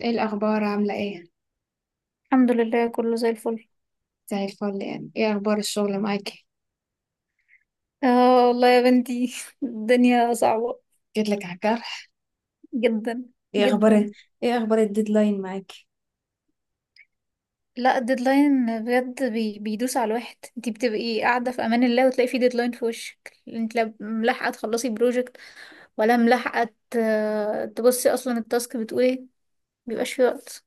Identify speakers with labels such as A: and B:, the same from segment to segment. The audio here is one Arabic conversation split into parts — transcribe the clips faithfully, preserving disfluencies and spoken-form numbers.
A: ايه الاخبار؟ عامله ايه؟
B: الحمد لله كله زي الفل.
A: زي الفل. يعني ايه اخبار الشغل معاكي؟
B: اه والله يا بنتي الدنيا صعبة
A: جيت لك على الجرح.
B: جدا
A: ايه
B: جدا.
A: اخبار؟ ايه اخبار الديدلاين معاكي؟
B: لا الديدلاين بجد بي بيدوس على الواحد، انتي بتبقي قاعدة في امان الله وتلاقي في ديدلاين في وشك، انت لا ملاحقة تخلصي بروجكت ولا ملاحقة. ت- تبصي اصلا التاسك بتقول ايه، مبيبقاش في وقت.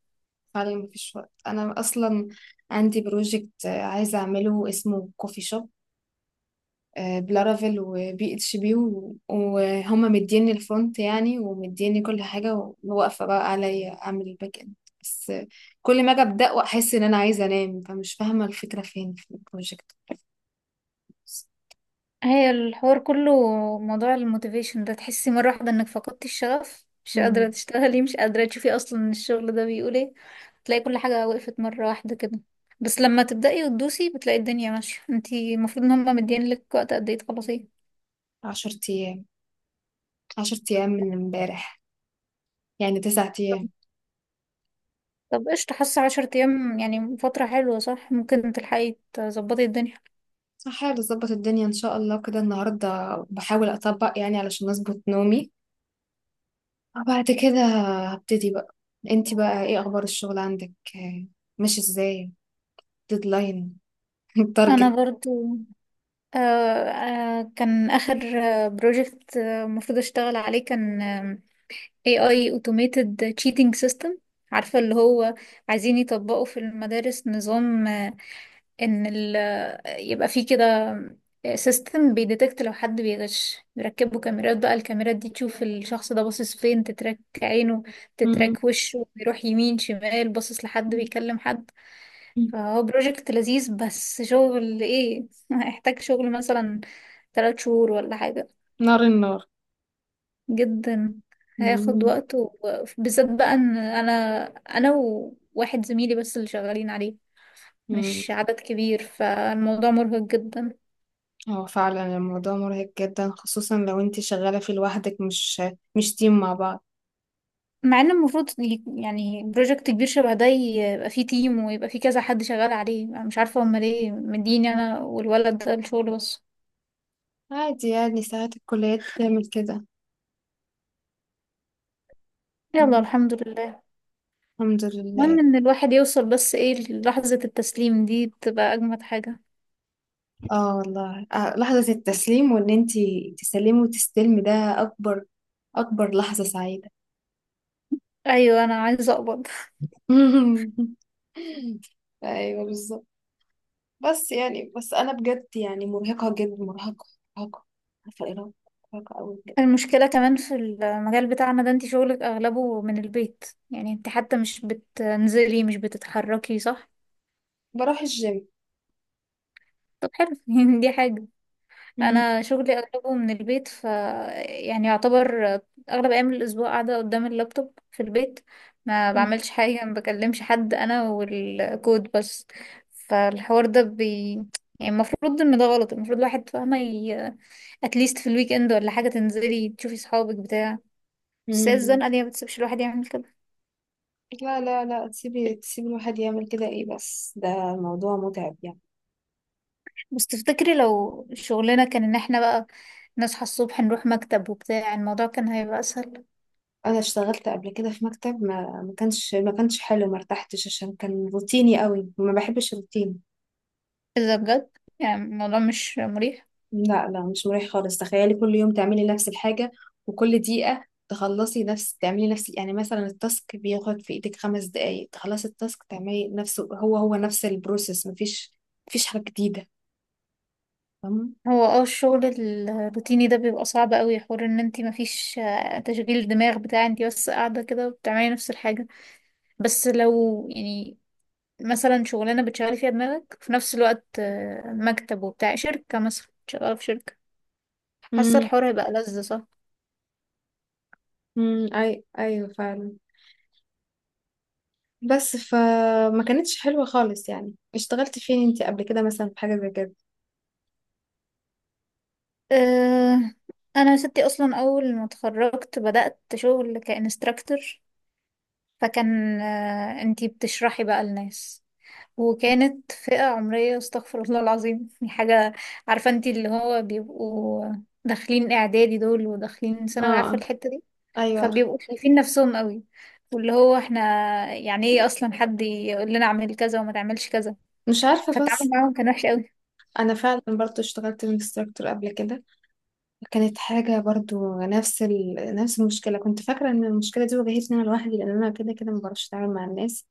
A: فعلا مفيش وقت. انا اصلا عندي بروجكت عايزه اعمله اسمه كوفي شوب بلارافيل وبي اتش بي و- وهما مديني الفرونت يعني، ومديني كل حاجه، وواقفه بقى عليا اعمل الباك اند. بس آه، كل ما اجي ابدا واحس ان انا عايزه انام فمش فاهمه الفكره فين في البروجكت.
B: هي الحوار كله موضوع الموتيفيشن ده، تحسي مرة واحدة انك فقدتي الشغف، مش قادرة
A: مم،
B: تشتغلي، مش قادرة تشوفي اصلا الشغل ده بيقول ايه. تلاقي كل حاجة وقفت مرة واحدة كده. بس لما تبدأي وتدوسي بتلاقي الدنيا ماشية. انتي المفروض ان هما مدين لك وقت قد ايه تخلصيه؟
A: عشرة ايام. عشرة ايام من امبارح، يعني تسعة أيام.
B: طب قشطة، حاسة عشر ايام يعني فترة حلوة صح، ممكن تلحقي تظبطي الدنيا.
A: هحاول أظبط الدنيا إن شاء الله، كده النهاردة بحاول أطبق يعني علشان أظبط نومي، وبعد كده هبتدي بقى. انتي بقى ايه أخبار الشغل عندك؟ آه، ماشي ازاي؟ ديدلاين،
B: انا
A: التارجت.
B: برضو آه آه كان اخر بروجكت المفروض اشتغل عليه كان إيه آي automated cheating system، عارفة اللي هو، عايزين يطبقوا في المدارس نظام آه، ان ال آه، يبقى فيه كده سيستم بيديتكت لو حد بيغش، يركبوا كاميرات بقى الكاميرات دي تشوف الشخص ده باصص فين، تتراك عينه،
A: مم.
B: تتراك وشه بيروح يمين شمال، باصص لحد، بيكلم حد. فهو بروجكت لذيذ بس شغل ايه هيحتاج شغل مثلا ثلاث شهور ولا حاجة.
A: نار النار.
B: جدا. هياخد
A: مم.
B: وقت، وبالذات بقى ان انا انا وواحد زميلي بس اللي شغالين عليه،
A: مم.
B: مش عدد كبير، فالموضوع مرهق جدا.
A: هو فعلا الموضوع مرهق جدا، خصوصا لو انتي شغالة في لوحدك، مش مش تيم مع بعض.
B: مع ان المفروض ي- يعني بروجكت كبير شبه ده يبقى فيه تيم ويبقى فيه كذا حد شغال عليه. انا مش عارفه هما ليه مديني انا والولد ده الشغل بس.
A: عادي، يعني ساعات الكليات بتعمل كده.
B: يلا
A: مم.
B: الحمد لله.
A: الحمد
B: المهم
A: لله.
B: ان الواحد يوصل، بس ايه، للحظة التسليم دي بتبقى اجمد حاجه.
A: اه والله، آه، لحظة التسليم، وان انتي تسلمي وتستلمي ده اكبر، اكبر لحظة سعيدة.
B: ايوه انا عايزه اقبض.
A: ايوه بالظبط. بس يعني، بس انا بجد يعني مرهقة جدا، مرهقة، مرهقة. عارفة ايه رأيك؟ مرهقة اوي بجد.
B: المشكلة كمان في المجال بتاعنا ده، انت شغلك اغلبه من البيت، يعني انت حتى مش بتنزلي، مش بتتحركي صح.
A: بروح الجيم.
B: طب حلو يعني دي حاجة.
A: مم.
B: انا شغلي اغلبه من البيت، ف يعني يعتبر اغلب ايام الاسبوع قاعدة قدام اللابتوب في البيت، ما
A: مم.
B: بعملش حاجة، ما بكلمش حد، انا والكود بس. فالحوار ده بي يعني المفروض ان ده غلط، المفروض الواحد فاهمة ي... اتليست في الويك اند ولا حاجة تنزلي تشوفي صحابك بتاع. بس هي
A: مم.
B: الزنقة دي ما بتسيبش الواحد يعمل كده.
A: لا لا لا، تسيبي تسيبي الواحد يعمل كده، ايه؟ بس ده موضوع متعب يعني.
B: بس تفتكري لو شغلنا كان ان احنا بقى نصحى الصبح نروح مكتب وبتاع، الموضوع كان هيبقى اسهل.
A: انا اشتغلت قبل كده في مكتب، ما ما كانش ما كانش حلو، ما ارتحتش، عشان كان روتيني قوي، ما بحبش الروتين.
B: اذا بجد يعني الموضوع مش مريح.
A: لا لا، مش مريح خالص. تخيلي كل يوم تعملي نفس الحاجة، وكل دقيقة تخلصي نفس، تعملي نفس، يعني مثلا التاسك بياخد في ايدك خمس دقايق، تخلصي التاسك تعملي نفسه، هو هو نفس البروسيس، مفيش مفيش حاجة جديدة. فاهمة؟
B: هو اه الشغل الروتيني ده بيبقى صعب قوي، حوار ان انتي مفيش آه، تشغيل دماغ بتاع، انتي بس قاعدة كده بتعملي نفس الحاجة. بس لو يعني مثلا شغلانة بتشغلي فيها دماغك في نفس الوقت آه، مكتب وبتاع، شركة مثلا، شغالة في شركة، حاسة
A: امم،
B: الحوار هيبقى لذ صح.
A: امم اي ايوه فعلا. بس فما كانتش حلوة خالص. يعني اشتغلت فين انتي قبل كده مثلا في حاجة زي كده؟
B: أه، انا ستي اصلا اول ما اتخرجت بدأت شغل كإنستراكتور، فكان أه انتي بتشرحي بقى للناس، وكانت فئة عمرية استغفر الله العظيم يعني، حاجة، عارفة انتي اللي هو، بيبقوا داخلين اعدادي دول وداخلين ثانوي، عارفة
A: اه،
B: الحتة دي.
A: ايوه.
B: فبيبقوا شايفين نفسهم قوي، واللي هو احنا يعني ايه اصلا حد يقول لنا اعمل كذا وما تعملش كذا.
A: مش عارفه بس.
B: فالتعامل معاهم كان وحش.
A: انا فعلا برضو اشتغلت انستراكتور قبل كده، كانت حاجة برضو نفس ال... نفس المشكلة. كنت فاكرة إن المشكلة دي واجهتني أنا لوحدي، لأن أنا كده كده مبعرفش أتعامل مع الناس،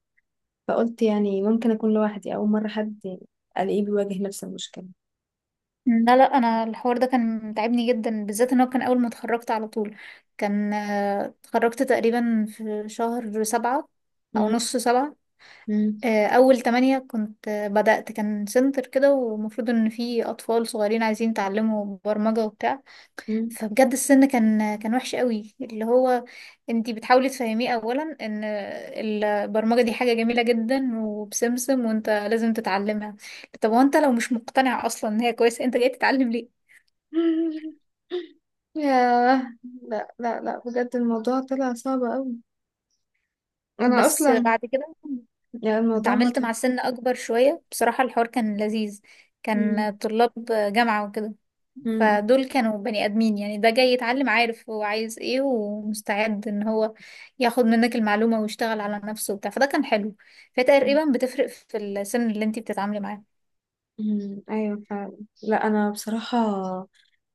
A: فقلت يعني ممكن أكون لوحدي أول مرة حد ألاقيه بيواجه نفس المشكلة.
B: لا لا انا الحوار ده كان متعبني جدا، بالذات ان هو كان اول ما اتخرجت على طول. كان آه، اتخرجت تقريبا في شهر سبعة او
A: مم.
B: نص سبعة.
A: مم.
B: آه، اول تمانية كنت آه، بدأت، كان سنتر كده ومفروض ان في اطفال صغيرين عايزين يتعلموا برمجة وبتاع.
A: مم.
B: فبجد السن كان كان وحش قوي، اللي هو انتي بتحاولي تفهميه اولا ان البرمجة دي حاجة جميلة جدا وبسمسم وانت لازم تتعلمها. طب وانت لو مش مقتنع اصلا ان هي كويسة انت جاي تتعلم ليه؟
A: ياه. لا لا لا، بجد الموضوع طلع صعب أوي. أنا
B: بس
A: أصلا
B: بعد كده
A: يعني الموضوع
B: اتعاملت
A: مضحك.
B: مع سن اكبر شوية، بصراحة الحوار كان لذيذ، كان
A: مم.
B: طلاب جامعة وكده.
A: مم.
B: فدول كانوا بني ادمين، يعني ده جاي يتعلم، عارف هو عايز ايه، ومستعد ان هو ياخد منك المعلومة ويشتغل على نفسه وبتاع. فده كان حلو. فهي تقريبا بتفرق في السن اللي انتي بتتعاملي معاه.
A: مم. أيوة فعلا. لا أنا بصراحة،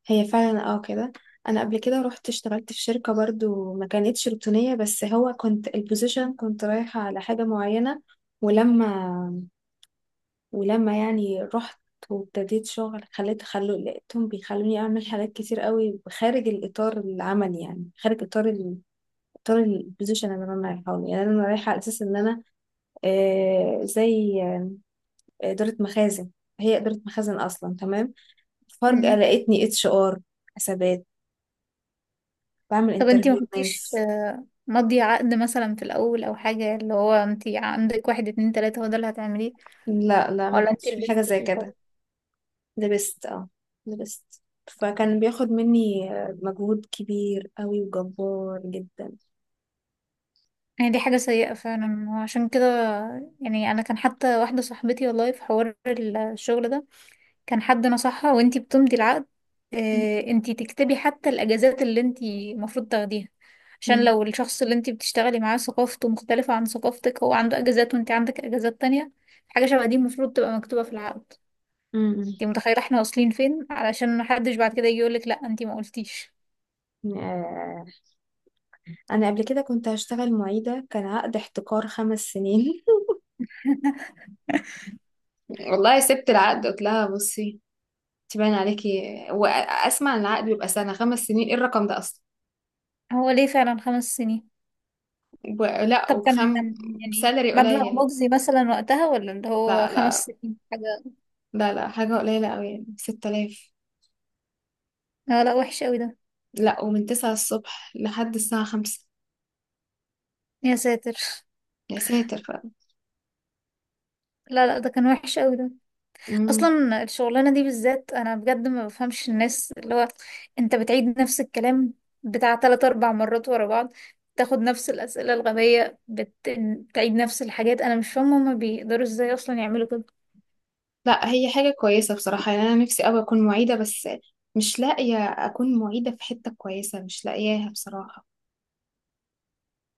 A: هي فعلا اه كده. انا قبل كده رحت اشتغلت في شركة برضو ما كانتش روتينية، بس هو كنت البوزيشن كنت رايحة على حاجة معينة، ولما ولما يعني رحت وابتديت شغل، خليت خلو لقيتهم بيخلوني اعمل حاجات كتير قوي خارج الاطار العمل، يعني خارج اطار ال- اطار البوزيشن اللي انا رايحه له. يعني انا رايحه على اساس ان انا آه زي آه، اداره مخازن، هي اداره مخازن اصلا، تمام. فجاه
B: مم.
A: لقيتني اتش ار، حسابات، بعمل
B: طب انتي ما
A: انترفيو
B: كنتيش
A: ناس.
B: آه، مضي عقد مثلا في الاول او حاجة، اللي هو انتي عندك واحد اتنين تلاتة هو ده اللي هتعمليه؟
A: لا لا، ما
B: ولا انتي
A: كانش في حاجة
B: لبستي
A: زي
B: في الحوار؟
A: كده. لبست، اه لبست. فكان بياخد مني آه، مجهود كبير قوي وجبار جدا.
B: يعني دي حاجة سيئة فعلا. وعشان كده يعني أنا كان حتى واحدة صاحبتي والله، في حوار الشغل ده كان حد نصحها وانتي بتمضي العقد
A: م-
B: اه انتي تكتبي حتى الأجازات اللي انتي المفروض تاخديها. عشان
A: م-
B: لو الشخص اللي انتي بتشتغلي معاه ثقافته مختلفة عن ثقافتك، هو عنده أجازات وانتي عندك أجازات تانية. حاجة شبه دي المفروض تبقى مكتوبة في العقد.
A: م-
B: انتي متخيلة احنا واصلين فين علشان محدش بعد كده يجي يقولك لأ انتي ما قلتيش.
A: م. آه، أنا قبل كده كنت هشتغل معيدة، كان عقد احتكار خمس سنين. والله سبت العقد، قلت لها بصي، تبان عليكي، وأسمع إن العقد بيبقى سنة؟ خمس سنين إيه الرقم ده أصلا؟
B: هو ليه فعلا خمس سنين؟
A: و- لا
B: طب كان
A: وبخم
B: يعني
A: بسالري
B: مبلغ
A: قليل.
B: مجزي مثلا وقتها، ولا اللي هو
A: لا
B: خمس
A: لا،
B: سنين حاجة؟
A: لا لا حاجة قليلة قوي، ستة آلاف.
B: لا لا وحش قوي ده.
A: لا ومن تسعة الصبح لحد الساعة خمسة.
B: يا ساتر.
A: يا ساتر. ف...
B: لا لا ده كان وحش قوي ده.
A: مم.
B: اصلا الشغلانة دي بالذات انا بجد ما بفهمش الناس، اللي هو انت بتعيد نفس الكلام بتاع تلات اربع مرات ورا بعض، تاخد نفس الأسئلة الغبية بت... بتعيد نفس الحاجات. أنا مش فاهمة هما بيقدروا ازاي أصلا يعملوا كده.
A: لا هي حاجة كويسة بصراحة، يعني أنا نفسي أوي أكون معيدة، بس مش لاقية أكون معيدة في حتة كويسة، مش لاقياها بصراحة،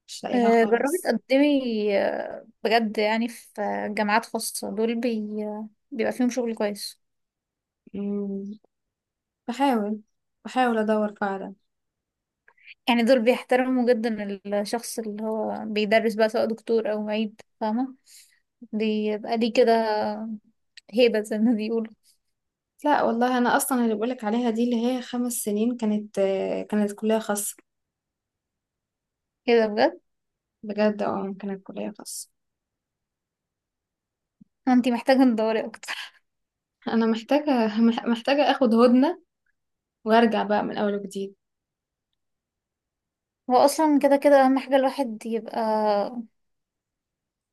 A: مش لاقيها
B: أه جربي
A: خالص.
B: تقدمي آه، بجد، يعني في آه، جامعات خاصة دول بي... بيبقى فيهم شغل كويس.
A: مم. بحاول، بحاول أدور فعلا.
B: يعني دول بيحترموا جدا الشخص اللي هو بيدرس بقى، سواء دكتور او معيد، فاهمة، بيبقى ليه كده هيبة زي ما بيقولوا.
A: لا والله، أنا أصلا اللي بقولك عليها دي اللي هي خمس سنين كانت، آه، كانت كلية خاصة.
B: كده بجد؟
A: بجد اه، كانت كلية خاصة.
B: انتي محتاجة تدوري اكتر.
A: أنا محتاجة، محتاجة أخد هدنة وأرجع بقى من أول وجديد.
B: هو اصلا كده كده اهم حاجة الواحد يبقى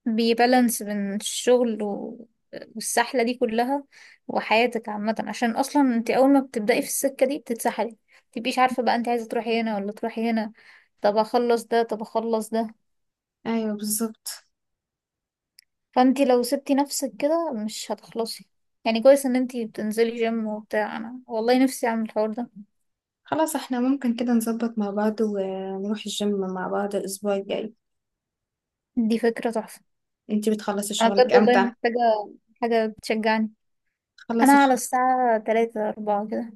B: بيبالانس بين الشغل و... والسحلة دي كلها وحياتك عامة، عشان اصلا انتي اول ما بتبدأي في السكة دي بتتسحلي، متبقيش عارفة بقى انتي عايزة تروحي هنا ولا تروحي هنا، طب اخلص ده طب اخلص ده.
A: أيوه بالظبط.
B: فانتي لو سبتي نفسك كده مش هتخلصي. يعني كويس ان انتي بتنزلي جيم وبتاع، انا والله نفسي اعمل الحوار ده.
A: خلاص احنا ممكن كده نظبط مع بعض ونروح الجيم مع بعض الأسبوع الجاي.
B: دي فكرة تحفة.
A: انتي بتخلصي
B: انا
A: شغلك
B: بجد والله
A: امتى؟
B: محتاجة حاجة تشجعني. انا
A: خلصي
B: على
A: ش-
B: الساعة تلاتة اربعة كده.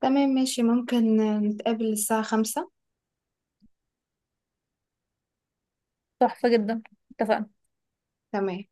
A: تمام، ماشي، ممكن نتقابل الساعة خمسة.
B: تحفة جدا، اتفقنا.
A: تمام.